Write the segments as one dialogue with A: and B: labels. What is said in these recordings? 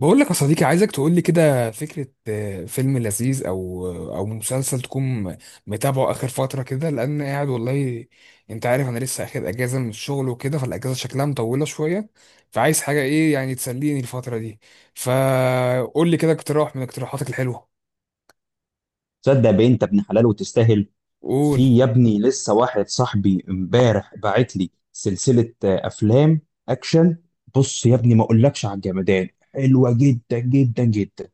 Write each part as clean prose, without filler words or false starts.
A: بقول لك يا صديقي عايزك تقول لي كده فكرة، فيلم لذيذ او او مسلسل تكون متابعه اخر فترة كده، لان قاعد والله انت عارف انا لسه اخد اجازة من الشغل وكده، فالاجازة شكلها مطولة شوية، فعايز حاجة ايه يعني تسليني الفترة دي، فقول لي كده اقتراح من اقتراحاتك الحلوة.
B: تصدق، بنت ابن حلال وتستاهل.
A: قول
B: في يا ابني لسه واحد صاحبي امبارح باعت لي سلسلة أفلام أكشن. بص يا ابني، ما أقولكش على الجمدان، حلوة جدا جدا جدا.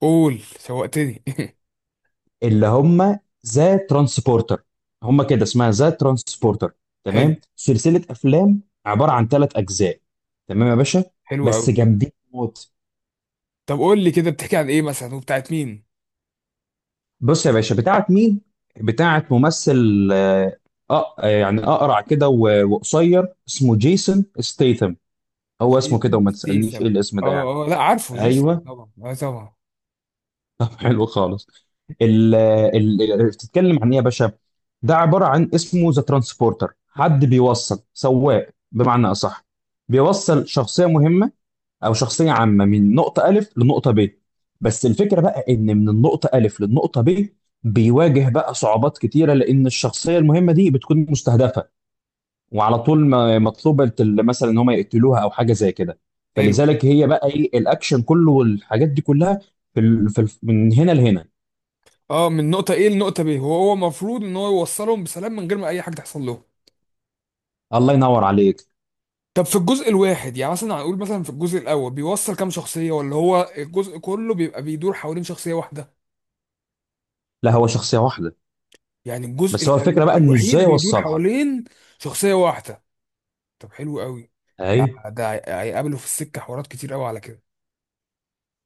A: قول. شوقتني.
B: اللي هم ذا ترانسبورتر، هم كده اسمها ذا ترانسبورتر. تمام،
A: حلو
B: سلسلة أفلام عبارة عن ثلاث أجزاء. تمام يا باشا،
A: حلو قوي.
B: بس جامدين موت.
A: طب قول لي كده، بتحكي عن ايه مثلا وبتاعت مين؟
B: بص يا باشا، بتاعت مين؟ بتاعت ممثل، يعني اقرع كده و- وقصير، اسمه جيسون ستيثم. هو اسمه كده
A: جيسون
B: وما تسألنيش ايه
A: ستيسم.
B: الاسم ده يعني.
A: اه لا عارفه جيسون،
B: ايوه.
A: طبعا.
B: طب حلو خالص. ال ال بتتكلم عن ايه يا باشا؟ ده عبارة عن اسمه ذا ترانسبورتر، حد بيوصل سواق بمعنى اصح، بيوصل شخصية مهمة او شخصيه عامه من نقطه الف لنقطه ب. بس الفكره بقى ان من النقطه الف للنقطه ب، بيواجه بقى صعوبات كتيره لان الشخصيه المهمه دي بتكون مستهدفه، وعلى طول مطلوبه، مثلا ان هم يقتلوها او حاجه زي كده.
A: حلو.
B: فلذلك هي بقى ايه الاكشن كله والحاجات دي كلها من هنا لهنا.
A: اه، من نقطة A لنقطة B وهو المفروض ان هو يوصلهم بسلام من غير ما اي حاجة تحصل له.
B: الله ينور عليك.
A: طب في الجزء الواحد يعني مثلا، هنقول مثلا في الجزء الاول بيوصل كام شخصية، ولا هو الجزء كله بيبقى بيدور حوالين شخصية واحدة؟
B: لا، هو شخصيه واحده.
A: يعني الجزء
B: بس هو الفكره بقى انه ازاي
A: الوحيد بيدور
B: يوصلها.
A: حوالين شخصية واحدة. طب حلو قوي. ده
B: اهي.
A: ده هيقابله في السكة حوارات كتير قوي على كده.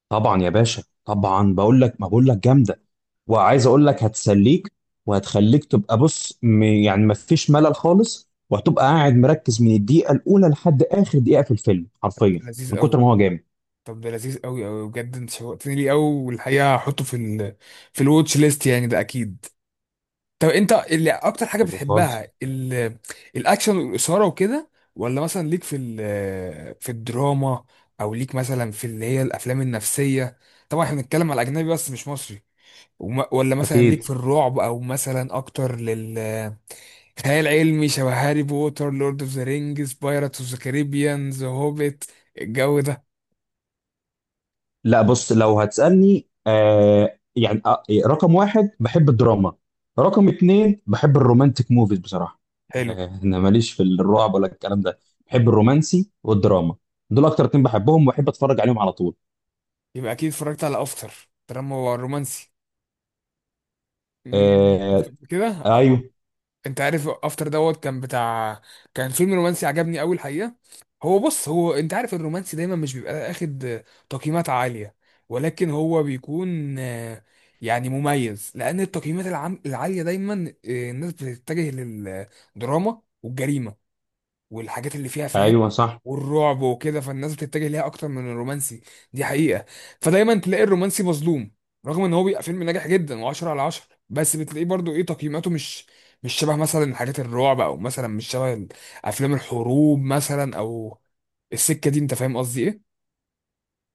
B: طبعا يا باشا طبعا، بقول لك ما بقول لك جامده، وعايز اقول لك هتسليك وهتخليك تبقى بص، يعني ما فيش ملل خالص، وهتبقى قاعد مركز من الدقيقه الاولى لحد اخر دقيقه في الفيلم
A: طب
B: حرفيا
A: ده لذيذ
B: من كتر
A: قوي.
B: ما هو جامد.
A: طب ده لذيذ قوي قوي بجد، انت شوقتني ليه قوي، والحقيقة هحطه في ال في الواتش ليست يعني، ده اكيد. طب انت اللي اكتر حاجه
B: حلو خالص.
A: بتحبها الاكشن والاثاره وكده، ولا مثلا ليك في في الدراما، او ليك مثلا في اللي هي الافلام النفسيه؟ طبعا احنا بنتكلم على اجنبي بس مش مصري. ولا مثلا ليك في
B: اكيد.
A: الرعب، او مثلا اكتر لل خيال علمي شبه هاري بوتر، لورد اوف ذا رينجز، بايرتس اوف ذا كاريبيان، ذا هوبيت، الجو ده.
B: لا بص، لو هتسالني، يعني رقم واحد بحب الدراما، رقم اتنين بحب الرومانتك موفيز بصراحه.
A: حلو.
B: انا ماليش في الرعب ولا الكلام ده، بحب الرومانسي والدراما، دول اكتر اتنين بحبهم وبحب اتفرج عليهم على طول.
A: يبقى اكيد اتفرجت على افتر، دراما رومانسي. شفت
B: آه.
A: قبل كده.
B: ايوه.
A: انت عارف افتر دوت كان بتاع، كان فيلم رومانسي عجبني قوي الحقيقه. هو بص، هو انت عارف الرومانسي دايما مش بيبقى اخد تقييمات عاليه، ولكن هو بيكون يعني مميز. لان التقييمات العاليه دايما، الناس بتتجه للدراما والجريمه والحاجات اللي فيها فاهم،
B: ايوه صح.
A: والرعب وكده، فالناس بتتجه ليها اكتر من الرومانسي. دي حقيقة. فدايما تلاقي الرومانسي مظلوم، رغم ان هو بيبقى فيلم ناجح جدا و10 على 10، بس بتلاقيه برضو ايه، تقييماته مش شبه مثلا حاجات الرعب، او مثلا مش شبه افلام الحروب مثلا، او السكة دي، انت فاهم قصدي ايه؟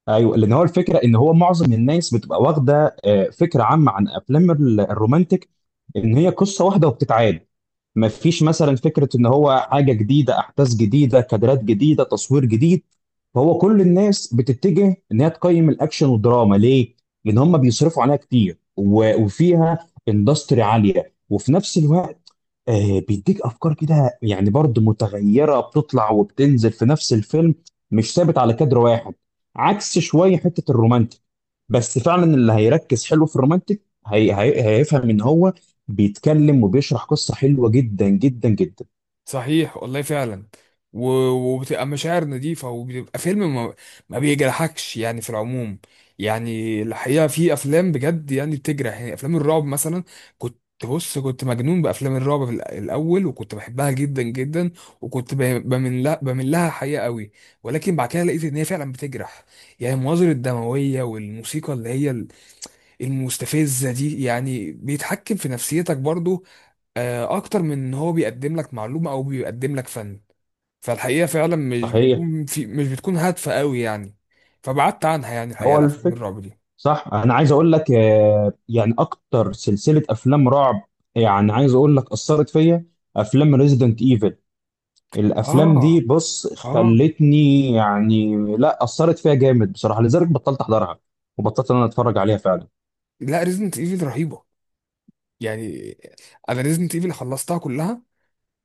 B: ايوه، لان هو الفكره ان هو معظم الناس بتبقى واخده فكره عامه عن افلام الرومانتك، ان هي قصه واحده وبتتعاد، ما فيش مثلا فكره ان هو حاجه جديده، احداث جديده، كادرات جديده، تصوير جديد. فهو كل الناس بتتجه ان هي تقيم الاكشن والدراما. ليه؟ لان هم بيصرفوا عليها كتير و- وفيها اندستري عاليه، وفي نفس الوقت بيديك افكار كده يعني برضه متغيره، بتطلع وبتنزل في نفس الفيلم، مش ثابت على كادر واحد عكس شويه حته الرومانتك. بس فعلا اللي هيركز حلو في الرومانتك هي هيفهم ان هو بيتكلم وبيشرح قصه حلوه جدا جدا جدا.
A: صحيح والله فعلا. وبتبقى مشاعر نظيفة، وبيبقى فيلم ما بيجرحكش يعني في العموم. يعني الحقيقة في أفلام بجد يعني بتجرح، يعني أفلام الرعب مثلا. كنت بص كنت مجنون بأفلام الرعب في الأول، وكنت بحبها جدا جدا، وكنت بمن لها حقيقة قوي. ولكن بعد كده لقيت إن هي فعلا بتجرح. يعني المناظر الدموية والموسيقى اللي هي المستفزة دي، يعني بيتحكم في نفسيتك برضو، اكتر من ان هو بيقدم لك معلومه او بيقدم لك فن. فالحقيقه فعلا مش
B: صحيح.
A: بيكون في مش بتكون هادفه قوي يعني. فبعدت عنها يعني الحقيقه،
B: هو
A: الافلام
B: الفكر.
A: الرعب دي.
B: صح، انا عايز اقول لك يعني اكتر سلسله افلام رعب، يعني عايز اقول لك اثرت فيا افلام ريزيدنت ايفل. الافلام
A: اه
B: دي بص
A: اه.
B: خلتني يعني لا اثرت فيها جامد بصراحه، لذلك بطلت احضرها وبطلت ان انا اتفرج عليها فعلا.
A: لا ريزنت ايفل رهيبه يعني. انا ريزنت ايفل خلصتها كلها،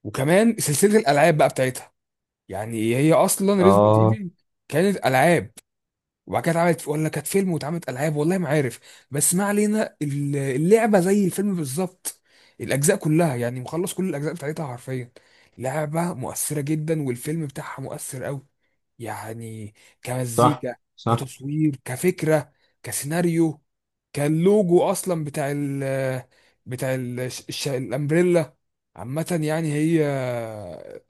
A: وكمان سلسله الالعاب بقى بتاعتها. يعني هي اصلا ريزنت
B: اه.
A: ايفل كانت العاب، وبعد كده اتعملت، ولا كانت فيلم واتعملت العاب، والله ما عارف. بس ما علينا، اللعبه زي الفيلم بالظبط. الاجزاء كلها يعني، مخلص كل الاجزاء بتاعتها حرفيا. لعبه مؤثره جدا، والفيلم بتاعها مؤثر قوي يعني،
B: صح
A: كمزيكا،
B: صح.
A: كتصوير، كفكره، كسيناريو، كاللوجو اصلا بتاع الامبريلا. عامه يعني هي،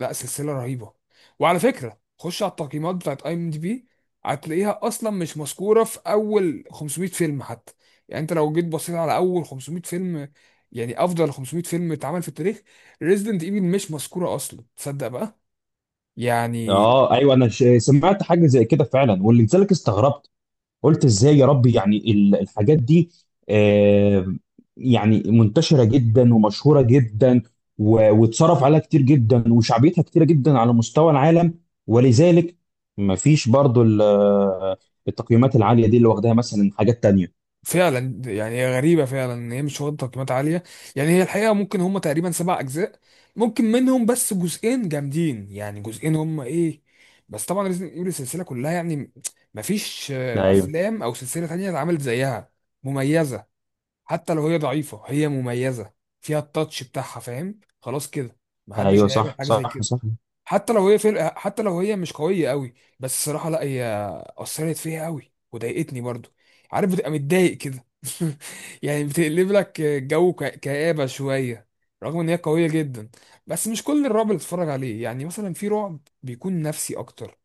A: لا سلسله رهيبه. وعلى فكره خش على التقييمات بتاعت اي ام دي بي، هتلاقيها اصلا مش مذكوره في اول 500 فيلم حتى. يعني انت لو جيت بصيت على اول 500 فيلم، يعني افضل 500 فيلم اتعمل في التاريخ، ريزيدنت ايفل مش مذكوره اصلا، تصدق بقى؟ يعني
B: اه ايوه، انا سمعت حاجه زي كده فعلا، ولذلك استغربت، قلت ازاي يا ربي يعني الحاجات دي آه، يعني منتشرة جدا ومشهورة جدا و- واتصرف عليها كتير جدا وشعبيتها كتيرة جدا على مستوى العالم، ولذلك مفيش برضو التقييمات العالية دي اللي واخداها مثلا حاجات تانية.
A: فعلا. يعني هي غريبه فعلا ان هي مش واخده تقييمات عاليه. يعني هي الحقيقه، ممكن هم تقريبا سبع اجزاء، ممكن منهم بس جزئين جامدين، يعني جزئين هم ايه. بس طبعا ريزيدنت ايفل السلسله كلها، يعني مفيش
B: ايوه
A: افلام او سلسله تانية اتعملت زيها. مميزه، حتى لو هي ضعيفة هي مميزة، فيها التاتش بتاعها، فاهم؟ خلاص كده، محدش
B: ايوه،
A: هيعمل
B: صح
A: حاجة زي
B: صح
A: كده.
B: صح.
A: حتى لو هي فرقة، حتى لو هي مش قوية قوي، بس الصراحة لا هي أثرت فيها قوي وضايقتني برضو. عارف بتبقى متضايق كده، يعني بتقلب لك جو كآبة شوية، رغم ان هي قوية جدا. بس مش كل الرعب اللي بتتفرج عليه، يعني مثلا في رعب بيكون نفسي اكتر،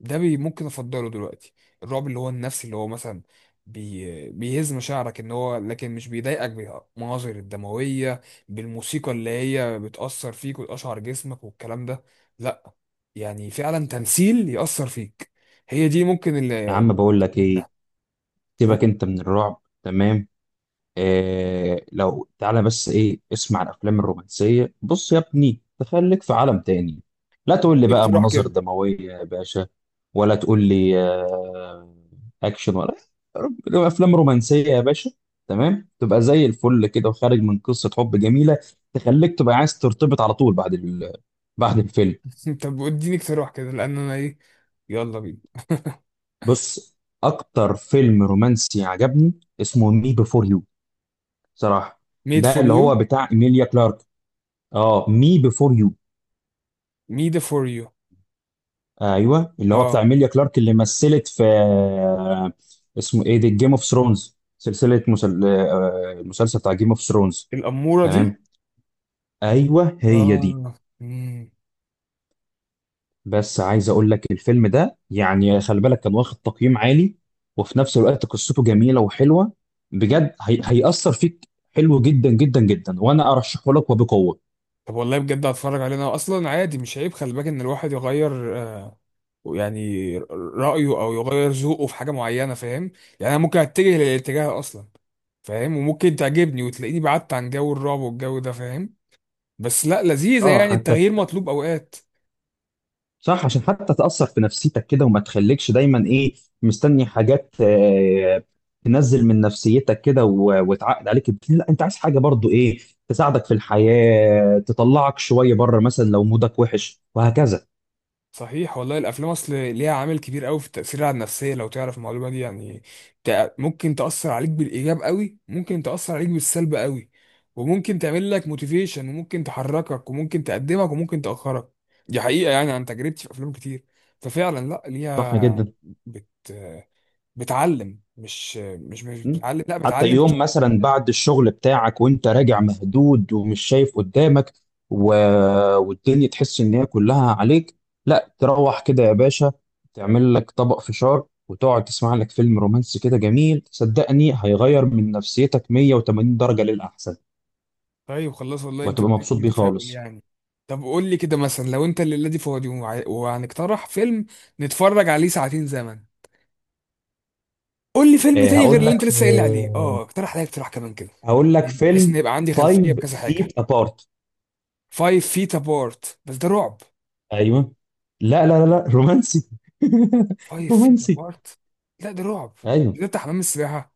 A: ده بي ممكن افضله دلوقتي. الرعب اللي هو النفسي، اللي هو مثلا بي بيهز مشاعرك ان هو، لكن مش بيضايقك بالمناظر الدمويه، بالموسيقى اللي هي بتاثر فيك وتقشعر جسمك والكلام ده. لا، يعني فعلا تمثيل ياثر فيك، هي دي ممكن
B: يا
A: اللي.
B: عم بقول لك ايه،
A: لا.
B: سيبك
A: قول.
B: انت من الرعب تمام. إيه، لو تعالى بس ايه اسمع الافلام الرومانسيه، بص يا ابني تخليك في عالم تاني. لا تقول لي
A: اديني
B: بقى
A: اقتراح
B: مناظر
A: كده.
B: دمويه يا باشا، ولا تقول لي اكشن، ولا افلام رومانسيه يا باشا، تمام تبقى زي الفل كده وخارج من قصه حب جميله، تخليك تبقى عايز ترتبط على طول بعد الفيلم.
A: طب اديني اقتراح كده لان انا ايه، يلا بينا.
B: بص، اكتر فيلم رومانسي عجبني اسمه مي بيفور يو، صراحه.
A: ميد
B: ده
A: فور
B: اللي
A: يو.
B: هو بتاع ايميليا كلارك. اه، مي بيفور يو.
A: ميد فور يو.
B: ايوه، اللي هو بتاع
A: اه
B: ميليا كلارك اللي مثلت في اسمه ايه ده، جيم اوف ثرونز، سلسله مسل... آه، المسلسل بتاع جيم اوف ثرونز.
A: الاموره دي.
B: تمام. ايوه هي دي.
A: اه.
B: بس عايز اقول لك الفيلم ده يعني خلي بالك كان واخد تقييم عالي، وفي نفس الوقت قصته جميله وحلوه، بجد هيأثر فيك حلو جدا جدا جدا، وانا ارشحه لك وبقوه.
A: طب والله بجد هتفرج عليه، انا اصلا عادي، مش عيب خلي بالك ان الواحد يغير يعني رايه او يغير ذوقه في حاجه معينه، فاهم؟ يعني انا ممكن اتجه للاتجاه اصلا، فاهم، وممكن تعجبني وتلاقيني بعدت عن جو الرعب والجو ده، فاهم؟ بس لا لذيذه،
B: اه،
A: يعني
B: حتى.
A: التغيير مطلوب اوقات.
B: صح، عشان حتى تأثر في نفسيتك كده وما تخليكش دايما ايه مستني حاجات تنزل من نفسيتك كده و- وتعقد عليك. لا، انت عايز حاجة برضو ايه تساعدك في الحياة، تطلعك شوية بره مثلا لو مودك وحش وهكذا.
A: صحيح والله، الافلام اصل ليها عامل كبير قوي في التاثير على النفسيه لو تعرف المعلومه دي يعني. ممكن تاثر عليك بالايجاب قوي، ممكن تاثر عليك بالسلب قوي، وممكن تعمل لك موتيفيشن، وممكن تحركك، وممكن تقدمك، وممكن تاخرك. دي حقيقه يعني، عن تجربتي في افلام كتير. ففعلا لا
B: صح
A: ليها
B: جدا.
A: بت بتعلم مش مش مش
B: مم.
A: بتعلم لا
B: حتى
A: بتعلم.
B: يوم مثلا بعد الشغل بتاعك وانت راجع مهدود ومش شايف قدامك و... والدنيا تحس ان هي كلها عليك، لا تروح كده يا باشا، تعمل لك طبق فشار وتقعد تسمع لك فيلم رومانسي كده جميل، صدقني هيغير من نفسيتك 180 درجة للأحسن،
A: طيب خلاص، والله انت
B: وهتبقى مبسوط
A: اديتني
B: بيه
A: تفاؤل
B: خالص.
A: يعني. طب قول لي كده مثلا، لو انت الليله دي فاضي، وهنقترح فيلم نتفرج عليه ساعتين زمن، قول لي فيلم تاني غير
B: هقول
A: اللي انت
B: لك،
A: لسه قايل لي عليه، اه، اقترح عليا اقتراح كمان كده،
B: هقول لك
A: يعني بحيث
B: فيلم
A: ان يبقى عندي خلفيه
B: Five
A: بكذا حاجه.
B: Feet Apart.
A: فايف فيت ابارت؟ بس ده رعب.
B: ايوه. لا لا لا لا، رومانسي.
A: فايف فيت
B: رومانسي.
A: ابارت، لا ده رعب،
B: ايوه.
A: ده بتاع حمام السباحه.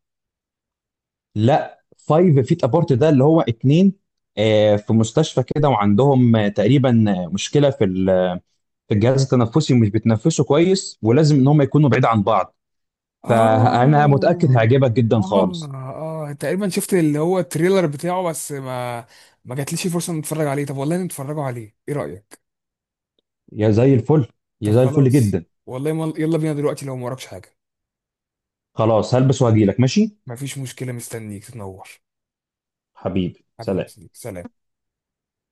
B: لا، فايف فيت ابارت ده اللي هو اتنين، في مستشفى كده، وعندهم تقريبا مشكله في في الجهاز التنفسي، ومش بيتنفسوا كويس ولازم ان هم يكونوا بعيد عن بعض. فانا
A: اه
B: متاكد هيعجبك جدا خالص.
A: اه اه، تقريبا شفت اللي هو التريلر بتاعه، بس ما جاتليش فرصه ان اتفرج عليه. طب والله نتفرجوا عليه، ايه رايك؟
B: يا زي الفل،
A: طب
B: يا زي الفل
A: خلاص،
B: جدا.
A: والله مال يلا بينا دلوقتي لو ما وراكش حاجة.
B: خلاص، هلبس وهجيلك ماشي.
A: مفيش مشكلة، مستنيك تنور.
B: حبيبي،
A: حبيبي،
B: سلام.
A: سلام.